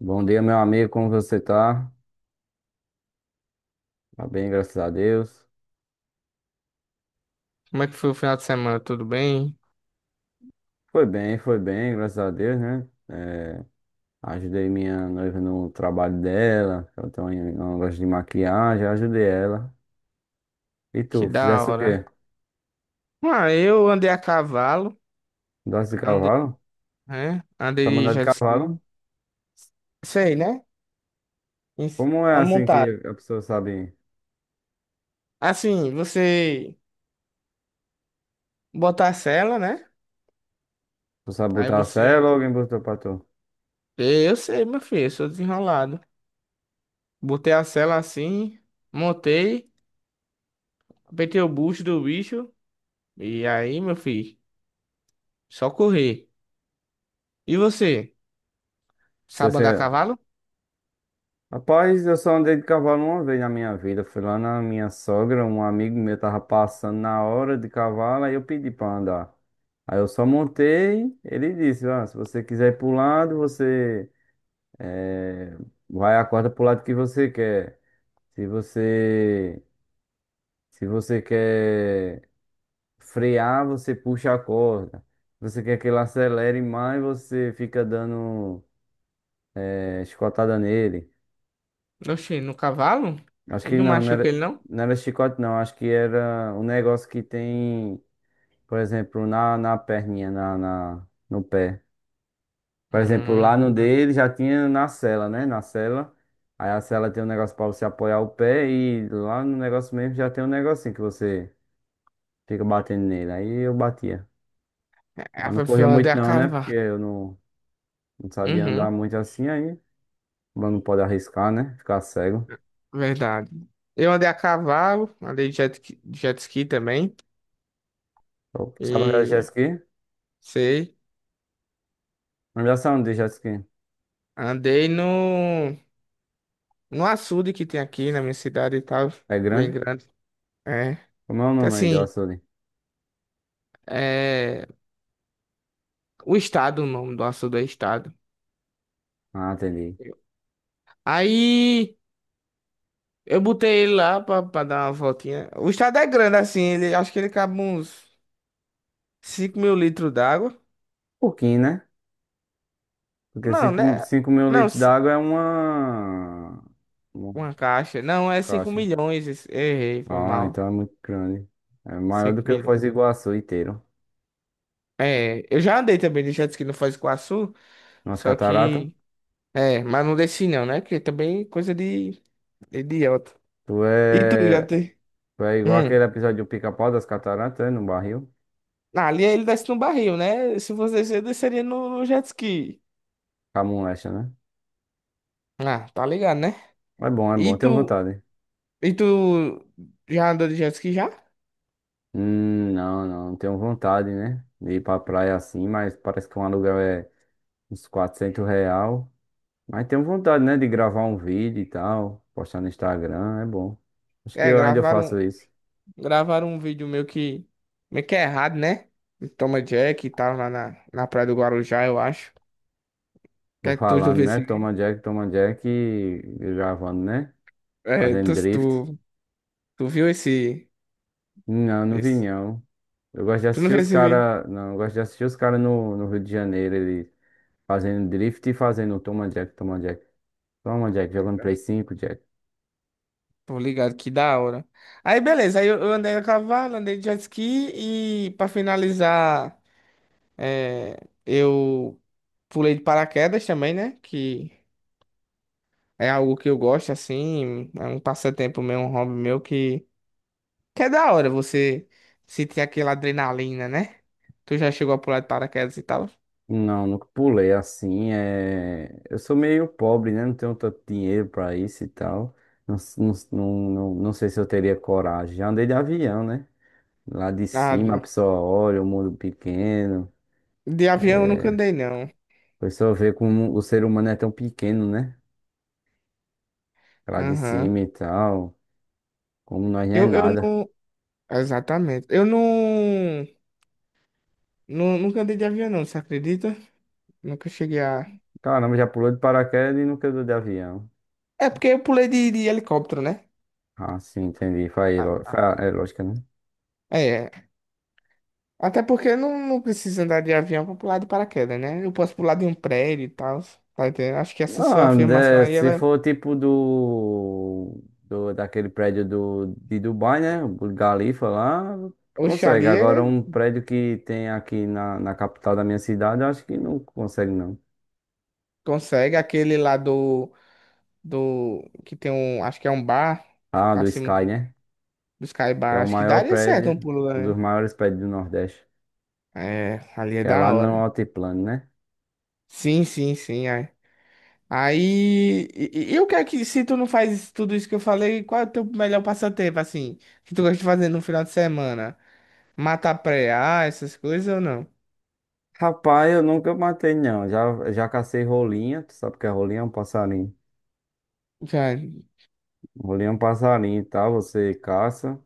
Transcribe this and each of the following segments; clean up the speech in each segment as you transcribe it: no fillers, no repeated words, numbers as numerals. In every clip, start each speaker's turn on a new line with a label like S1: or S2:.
S1: Bom dia, meu amigo, como você tá? Tá bem, graças a Deus.
S2: Como é que foi o final de semana? Tudo bem?
S1: Foi bem, graças a Deus, né? Ajudei minha noiva no trabalho dela, ela tem um negócio de maquiagem, ajudei ela. E
S2: Que
S1: tu,
S2: da
S1: fizesse o
S2: hora.
S1: quê?
S2: Ah, eu andei a cavalo,
S1: Doce de
S2: andei,
S1: cavalo?
S2: né?
S1: Tá
S2: Andei de
S1: mandado de
S2: jet ski.
S1: cavalo?
S2: Sei, né? Em-
S1: Como é
S2: A
S1: assim
S2: montado.
S1: que a pessoa sabe?
S2: Assim, você botar a sela, né?
S1: Tu sabe
S2: Aí
S1: botar a sela
S2: você.
S1: ou alguém botou pra tu?
S2: Eu sei, meu filho, eu sou desenrolado. Botei a sela assim, montei, apertei o bucho do bicho. E aí, meu filho, só correr. E você?
S1: Se
S2: Sabe andar a
S1: você
S2: cavalo?
S1: Rapaz, eu só andei de cavalo uma vez na minha vida. Fui lá na minha sogra, um amigo meu tava passando na hora de cavalo, aí eu pedi pra andar. Aí eu só montei, ele disse, ah, se você quiser ir pro lado, eh, vai a corda pro lado que você quer. Se você se você quer frear, você puxa a corda. Se você quer que ele acelere mais, você fica dando escotada nele.
S2: Oxi, no cavalo?
S1: Acho
S2: E
S1: que
S2: não
S1: não,
S2: machuca ele, não?
S1: não era chicote, não. Acho que era um negócio que tem, por exemplo, na perninha, no pé. Por exemplo,
S2: Hum.
S1: lá no dele já tinha na sela, né? Na sela. Aí a sela tem um negócio pra você apoiar o pé e lá no negócio mesmo já tem um negocinho que você fica batendo nele. Aí eu batia. Mas não corria
S2: Eu andei
S1: muito
S2: a
S1: não, né? Porque
S2: cavalo.
S1: eu não, não sabia andar
S2: Uhum,
S1: muito assim aí. Mas não pode arriscar, né? Ficar cego.
S2: verdade. Eu andei a cavalo, andei de jet ski também.
S1: Sabe andar de jet
S2: E
S1: ski?
S2: sei.
S1: Não já sabe andar de jet ski.
S2: Andei no, no açude que tem aqui na minha cidade e tal.
S1: É
S2: Bem
S1: grande?
S2: grande. É.
S1: Como é o
S2: Então,
S1: nome aí do
S2: assim,
S1: açude?
S2: é, o estado, o nome do açude é estado.
S1: Ah, entendi. Um
S2: Aí eu botei ele lá pra dar uma voltinha. O estado é grande, assim, ele, acho que ele cabe uns. 5.000 litros d'água?
S1: Pouquinho, né? Porque
S2: Não,
S1: cinco
S2: né?
S1: cinco mil
S2: Não,
S1: litros
S2: ci-
S1: d'água é uma
S2: uma caixa. Não, é cinco
S1: caixa.
S2: milhões. Errei, foi
S1: Ah, então
S2: mal.
S1: é muito grande. É maior
S2: Cinco
S1: do que o Foz
S2: milhões.
S1: do Iguaçu inteiro.
S2: É, eu já andei também de jet ski no Foz do Iguaçu,
S1: Nas
S2: só
S1: cataratas.
S2: que... É, mas não desci não, né? Porque também é coisa de idiota.
S1: Tu
S2: E tu já
S1: é...
S2: tem?
S1: tu é igual
S2: Hum.
S1: aquele episódio do Pica-Pau das cataratas, é? No barril.
S2: Ah, ali ele desce no barril, né? Se você descer, eu desceria no, no jet ski.
S1: Camulecha, né?
S2: Ah, tá ligado, né?
S1: É bom, é
S2: E
S1: bom. Tenho
S2: tu...
S1: vontade.
S2: E tu já andou de jet ski já?
S1: Não, não. Não tenho vontade, né? De ir pra praia assim, mas parece que um aluguel é uns 400 real. Mas tenho vontade, né, de gravar um vídeo e tal, postar no Instagram, é bom. Acho que
S2: É,
S1: eu ainda
S2: gravaram
S1: faço isso.
S2: Gravaram um vídeo meio que. Meio que é errado, né? Do Toma Jack e tal, lá na, na Praia do Guarujá, eu acho.
S1: Tô
S2: Quer que tu já
S1: falando,
S2: viu
S1: né?
S2: esse vídeo?
S1: Toma Jack e gravando, né?
S2: É,
S1: Fazendo drift.
S2: tu viu esse,
S1: Não, não vi
S2: esse.
S1: não. Eu gosto de
S2: Tu não
S1: assistir
S2: viu
S1: os
S2: esse vídeo?
S1: caras. Não, eu gosto de assistir os caras no Rio de Janeiro, ele fazendo drift e fazendo toma Jack, toma Jack. Toma Jack, jogando Play 5, Jack.
S2: Tô ligado, que da hora. Aí, beleza, aí eu andei a cavalo, andei de jet ski e pra finalizar, é, eu pulei de paraquedas também, né? Que é algo que eu gosto, assim, é um passatempo meu, um hobby meu que. Que é da hora você sentir aquela adrenalina, né? Tu já chegou a pular de paraquedas e tal?
S1: Não, nunca pulei assim. É... Eu sou meio pobre, né? Não tenho tanto dinheiro pra isso e tal. Não sei se eu teria coragem. Já andei de avião, né? Lá de
S2: Ah,
S1: cima a
S2: de
S1: pessoa olha o mundo pequeno.
S2: avião eu nunca andei, não.
S1: A pessoa vê como o ser humano é tão pequeno, né? Lá de
S2: Aham.
S1: cima e tal. Como nós não é
S2: Eu
S1: nada.
S2: não. Exatamente. Eu não. Nunca andei de avião, não, você acredita? Nunca cheguei a.
S1: Caramba, já pulou de paraquedas e nunca andou de avião.
S2: É porque eu pulei de helicóptero, né?
S1: Ah, sim, entendi. Foi, a
S2: Ah,
S1: ilo- foi
S2: ah.
S1: a- é lógica, né?
S2: É. Até porque não precisa andar de avião pra pular de paraquedas, né? Eu posso pular de um prédio e tal. Tá entendendo? Acho que essa sua
S1: Ah,
S2: afirmação
S1: né,
S2: aí,
S1: se
S2: ela.
S1: for tipo do daquele prédio de Dubai, né? O Burj Khalifa lá, tu consegue.
S2: Oxali é-
S1: Agora um prédio que tem aqui na capital da minha cidade, eu acho que não consegue não.
S2: consegue aquele lá do. Do que tem um, acho que é um bar
S1: Ah, do
S2: acima
S1: Sky,
S2: do,
S1: né?
S2: do Sky
S1: Que é
S2: Bar,
S1: o
S2: acho que
S1: maior
S2: daria certo
S1: prédio,
S2: um pulo lá,
S1: um dos
S2: né?
S1: maiores prédios do Nordeste.
S2: É, ali é
S1: Que é lá
S2: da
S1: no
S2: hora.
S1: Altiplano, né?
S2: Sim, sim, sim. Aí, aí e, e o que é que se tu não faz tudo isso que eu falei, qual é o teu melhor passatempo assim, que tu gosta de fazer no final de semana? Matar preá, essas coisas ou não?
S1: Rapaz, eu nunca matei não. Já cacei rolinha, tu sabe o que é rolinha? É um passarinho.
S2: Já,
S1: Rolinha é um passarinho, tá? Você caça.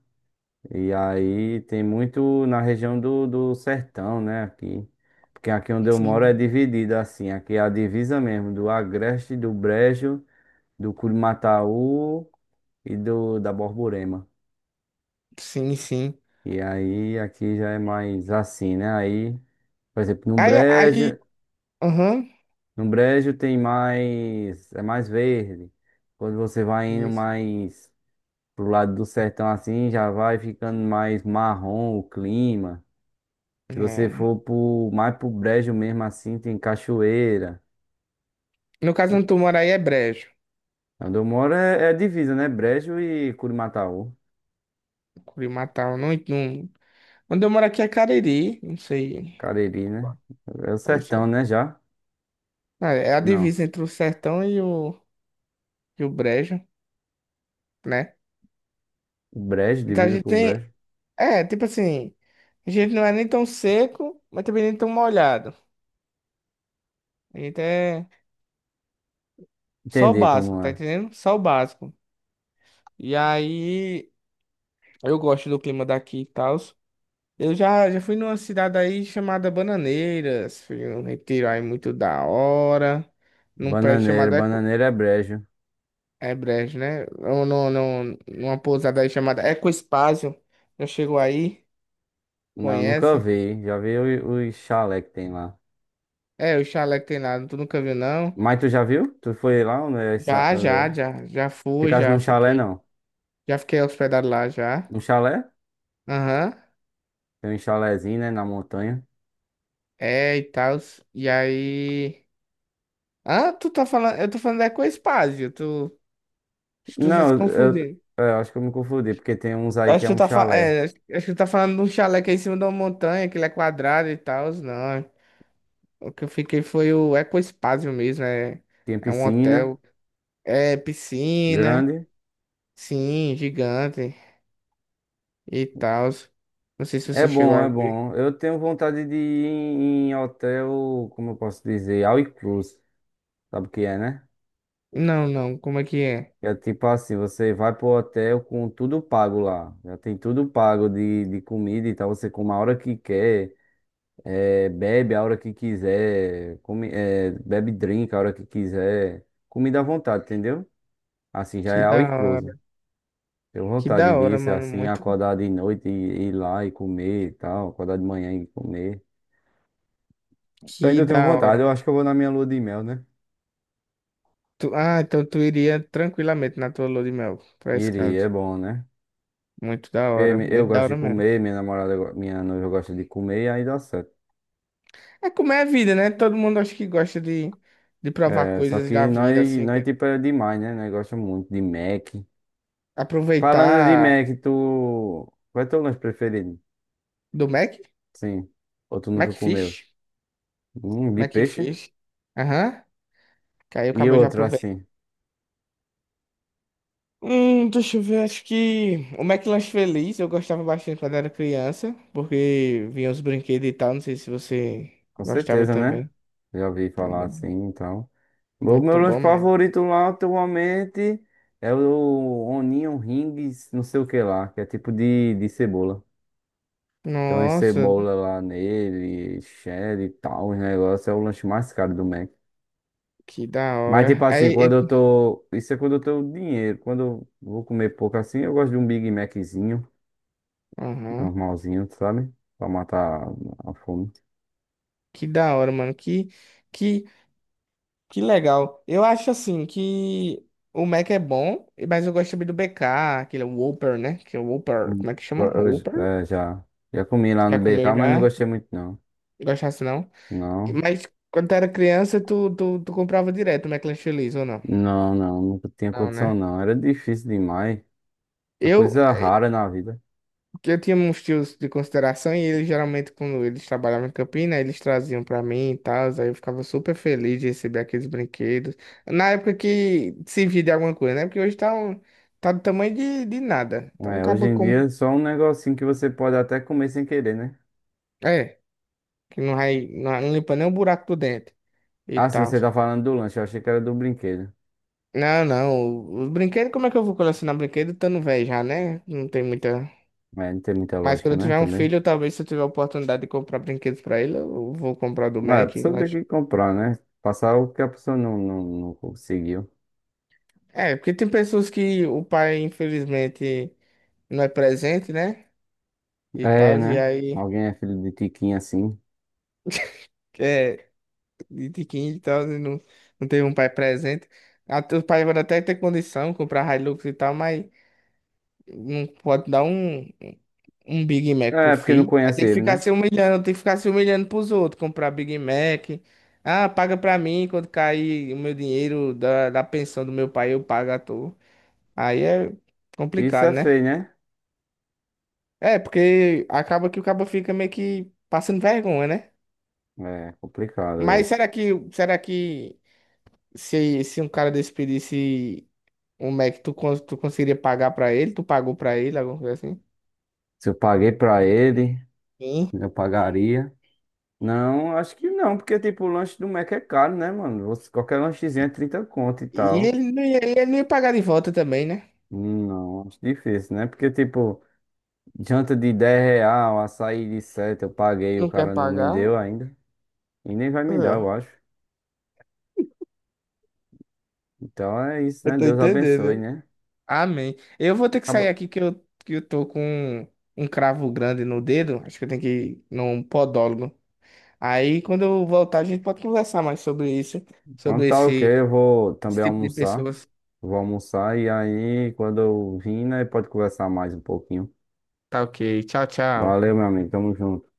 S1: E aí tem muito na região do sertão, né? Aqui. Porque aqui onde eu moro é
S2: sim,
S1: dividida assim. Aqui é a divisa mesmo, do Agreste, do Brejo, do Curimataú e do da Borborema.
S2: sim, sim.
S1: E aí aqui já é mais assim, né? Aí, por exemplo,
S2: Aí, aí, aham.
S1: No Brejo tem mais, é mais verde. Quando você vai indo
S2: Isso.
S1: mais pro lado do sertão assim, já vai ficando mais marrom o clima. Se você
S2: É.
S1: for pro, mais pro Brejo mesmo assim, tem Cachoeira.
S2: No caso, onde tu mora aí é brejo.
S1: Onde eu moro é, é divisa, né? Brejo e Curimataú.
S2: Curimatá não, não Onde eu moro aqui é Cariri, não sei.
S1: Cariri, né? É o
S2: Não
S1: sertão,
S2: sabe.
S1: né? Já?
S2: Ah, é a
S1: Não.
S2: divisa entre o sertão e o, o brejo, né?
S1: O Brejo,
S2: Então a
S1: divisa
S2: gente
S1: com o
S2: tem.
S1: Brejo.
S2: É, tipo assim, a gente não é nem tão seco, mas também nem tão molhado. A gente é só o
S1: Entendi
S2: básico,
S1: como
S2: tá
S1: é.
S2: entendendo? Só o básico. E aí, eu gosto do clima daqui e tal. Já fui numa cidade aí chamada Bananeiras, fui num retiro aí muito da hora, num prédio
S1: Bananeira
S2: chamado
S1: bananeira é Brejo.
S2: É Brejo, né? Ou no, no, numa pousada aí chamada Ecospásio. Já chegou aí?
S1: Não, nunca
S2: Conhece?
S1: vi. Já vi o- os chalé que tem lá.
S2: É, o chalé que tem lá, tu nunca viu, não?
S1: Mas tu já viu? Tu foi lá onde é essa- onde é?
S2: Já fui,
S1: Ficasse
S2: já
S1: num chalé,
S2: fiquei.
S1: não.
S2: Já fiquei hospedado lá, já.
S1: Num chalé?
S2: Aham.
S1: Tem um chalézinho, né? Na montanha.
S2: É, e tal. E aí... Ah, tu tá falando... Eu tô falando da Ecospásio. Tu... Acho que tu tá se
S1: Não,
S2: confundindo.
S1: eu acho que eu me confundi, porque tem uns aí que
S2: Acho
S1: é
S2: que tu
S1: um
S2: tá, fa...
S1: chalé.
S2: é, acho acho que tu tá falando de um chalé que é em cima de uma montanha, que ele é quadrado e tal. Não, o que eu fiquei foi o Ecospásio mesmo,
S1: Tem
S2: é um
S1: piscina
S2: hotel, é piscina,
S1: grande.
S2: sim, gigante e tal. Não sei se
S1: É
S2: você chegou
S1: bom,
S2: a
S1: é
S2: ver.
S1: bom. Eu tenho vontade de ir em hotel, como eu posso dizer, all inclusive. Sabe o que é, né?
S2: Não, não, como é?
S1: É tipo assim, você vai pro hotel com tudo pago lá. Já tem tudo pago de comida e tal. Você come a hora que quer, bebe a hora que quiser, come, bebe drink a hora que quiser. Comida à vontade, entendeu? Assim, já é
S2: Que
S1: all
S2: da hora,
S1: inclusive. Tenho
S2: que
S1: vontade
S2: da hora,
S1: disso,
S2: mano,
S1: assim,
S2: muito,
S1: acordar de noite e ir lá e comer e tal, acordar de manhã e comer. Eu
S2: que
S1: ainda tenho
S2: da hora,
S1: vontade, eu
S2: mano.
S1: acho que eu vou na minha lua de mel, né?
S2: Ah, então tu iria tranquilamente na tua lua de mel pra esse
S1: Iria,
S2: canto.
S1: é bom, né? Porque mi- eu
S2: Muito da
S1: gosto
S2: hora
S1: de
S2: mesmo.
S1: comer, minha namorada, go- minha noiva gosta de comer e aí dá certo.
S2: É como é a vida, né? Todo mundo acho que gosta de provar
S1: É, só
S2: coisas da
S1: que nós,
S2: vida, assim,
S1: nós tipo, é demais, né? Nós gostamos muito de Mac. Falando de
S2: aproveitar
S1: Mac, tu... Qual é teu lanche preferido?
S2: do Mac.
S1: Sim. Ou tu nunca comeu?
S2: Macfish.
S1: De
S2: Como é que
S1: peixe?
S2: fez? Aham. Que aí eu
S1: E
S2: acabei de
S1: outro,
S2: aproveitar.
S1: assim?
S2: Deixa eu ver, acho que o McLanche Feliz eu gostava bastante quando era criança, porque vinha os brinquedos e tal, não sei se você
S1: Com
S2: gostava
S1: certeza, né?
S2: também.
S1: Já ouvi
S2: É
S1: falar assim,
S2: mu-
S1: então... O meu
S2: Muito
S1: lanche
S2: bom mesmo.
S1: favorito lá atualmente é o Onion Rings, não sei o que lá, que é tipo de cebola. Tem uma
S2: Nossa,
S1: cebola lá nele, cheddar e tal, os negócios. É o lanche mais caro do Mac.
S2: que da
S1: Mas tipo
S2: hora.
S1: assim, quando eu tô. Isso é quando eu tenho dinheiro. Quando eu vou comer pouco assim, eu gosto de um Big Maczinho,
S2: Aham.
S1: normalzinho, sabe? Pra matar a fome.
S2: Que da hora, mano. Que, que legal. Eu acho assim que o Mac é bom, mas eu gosto também do BK, aquele Whopper, né? Que é o Whopper,
S1: Hum.
S2: como é que
S1: Eu,
S2: chama?
S1: eu,
S2: Whopper?
S1: é, já, já comi lá
S2: Já
S1: no
S2: comeu
S1: BK, mas não
S2: já?
S1: gostei muito não.
S2: Gostasse não?
S1: Não.
S2: Mas quando tu era criança, tu comprava direto McLanche Feliz, ou não?
S1: Não, não, nunca tinha
S2: Não,
S1: condição
S2: né?
S1: não. Era difícil demais. É
S2: Eu,
S1: coisa
S2: eh,
S1: rara na vida.
S2: que eu tinha uns tios de consideração e eles geralmente, quando eles trabalhavam em Campina, né, eles traziam pra mim e tal, aí eu ficava super feliz de receber aqueles brinquedos. Na época que servia de alguma coisa, né? Porque hoje tá, tá do tamanho de nada. Então
S1: É, hoje
S2: acaba
S1: em dia
S2: com.
S1: é só um negocinho que você pode até comer sem querer, né?
S2: É, que não vai, não limpa nem o buraco do dente e
S1: Ah, se
S2: tal.
S1: você tá falando do lanche, eu achei que era do brinquedo.
S2: Não, não, os brinquedos, como é que eu vou colecionar brinquedo estando velho já, né? Não tem muita.
S1: É, não tem muita
S2: Mas
S1: lógica,
S2: quando eu
S1: né?
S2: tiver um
S1: Também.
S2: filho, talvez se eu tiver a oportunidade de comprar brinquedos pra ele, eu vou comprar do
S1: É, a
S2: Mac. Eu
S1: pessoa tem
S2: acho.
S1: que comprar, né? Passar o que a pessoa não conseguiu.
S2: É, porque tem pessoas que o pai, infelizmente, não é presente, né? E
S1: É,
S2: tal, e
S1: né?
S2: aí,
S1: Alguém é filho de Tiquinho assim.
S2: é, de quem e tal, e não, não teve um pai presente. Até o pai vai até ter condição de comprar Hilux e tal, mas não pode dar um. Um Big Mac pro
S1: É, porque não
S2: filho. Aí
S1: conhece
S2: tem que
S1: ele,
S2: ficar
S1: né?
S2: se humilhando, tem que ficar se humilhando pros outros, comprar Big Mac. Ah, paga pra mim quando cair o meu dinheiro da, da pensão do meu pai, eu pago à toa. Aí é
S1: Isso
S2: complicado,
S1: é
S2: né?
S1: feio, né?
S2: É, porque acaba que o cabo fica meio que passando vergonha, né?
S1: É complicado
S2: Mas
S1: isso.
S2: será que se um cara desse pedisse um Mac, tu, tu conseguiria pagar pra ele? Tu pagou pra ele, alguma coisa assim?
S1: Se eu paguei pra ele,
S2: Sim.
S1: eu pagaria. Não, acho que não, porque tipo, o lanche do Mac é caro, né, mano? Você- qualquer lanchezinho é 30 conto e
S2: E
S1: tal.
S2: ele não ia pagar de volta também, né?
S1: Não, acho difícil, né? Porque tipo, janta de 10 real, açaí de 7, eu paguei, o
S2: Não quer
S1: cara não me
S2: pagar.
S1: deu ainda. E nem vai me dar, eu
S2: É.
S1: acho. Então é isso,
S2: Eu
S1: né?
S2: tô
S1: Deus abençoe,
S2: entendendo.
S1: né?
S2: Amém. Eu vou ter que sair
S1: Acaba-
S2: aqui que que eu tô com um cravo grande no dedo. Acho que eu tenho que ir num podólogo. Aí, quando eu voltar, a gente pode conversar mais sobre isso,
S1: Quando
S2: sobre
S1: tá ok, eu vou
S2: esse
S1: também
S2: tipo de
S1: almoçar.
S2: pessoas.
S1: Vou almoçar e aí, quando eu vim, né, pode conversar mais um pouquinho.
S2: Tá ok. Tchau, tchau.
S1: Valeu, meu amigo. Tamo junto.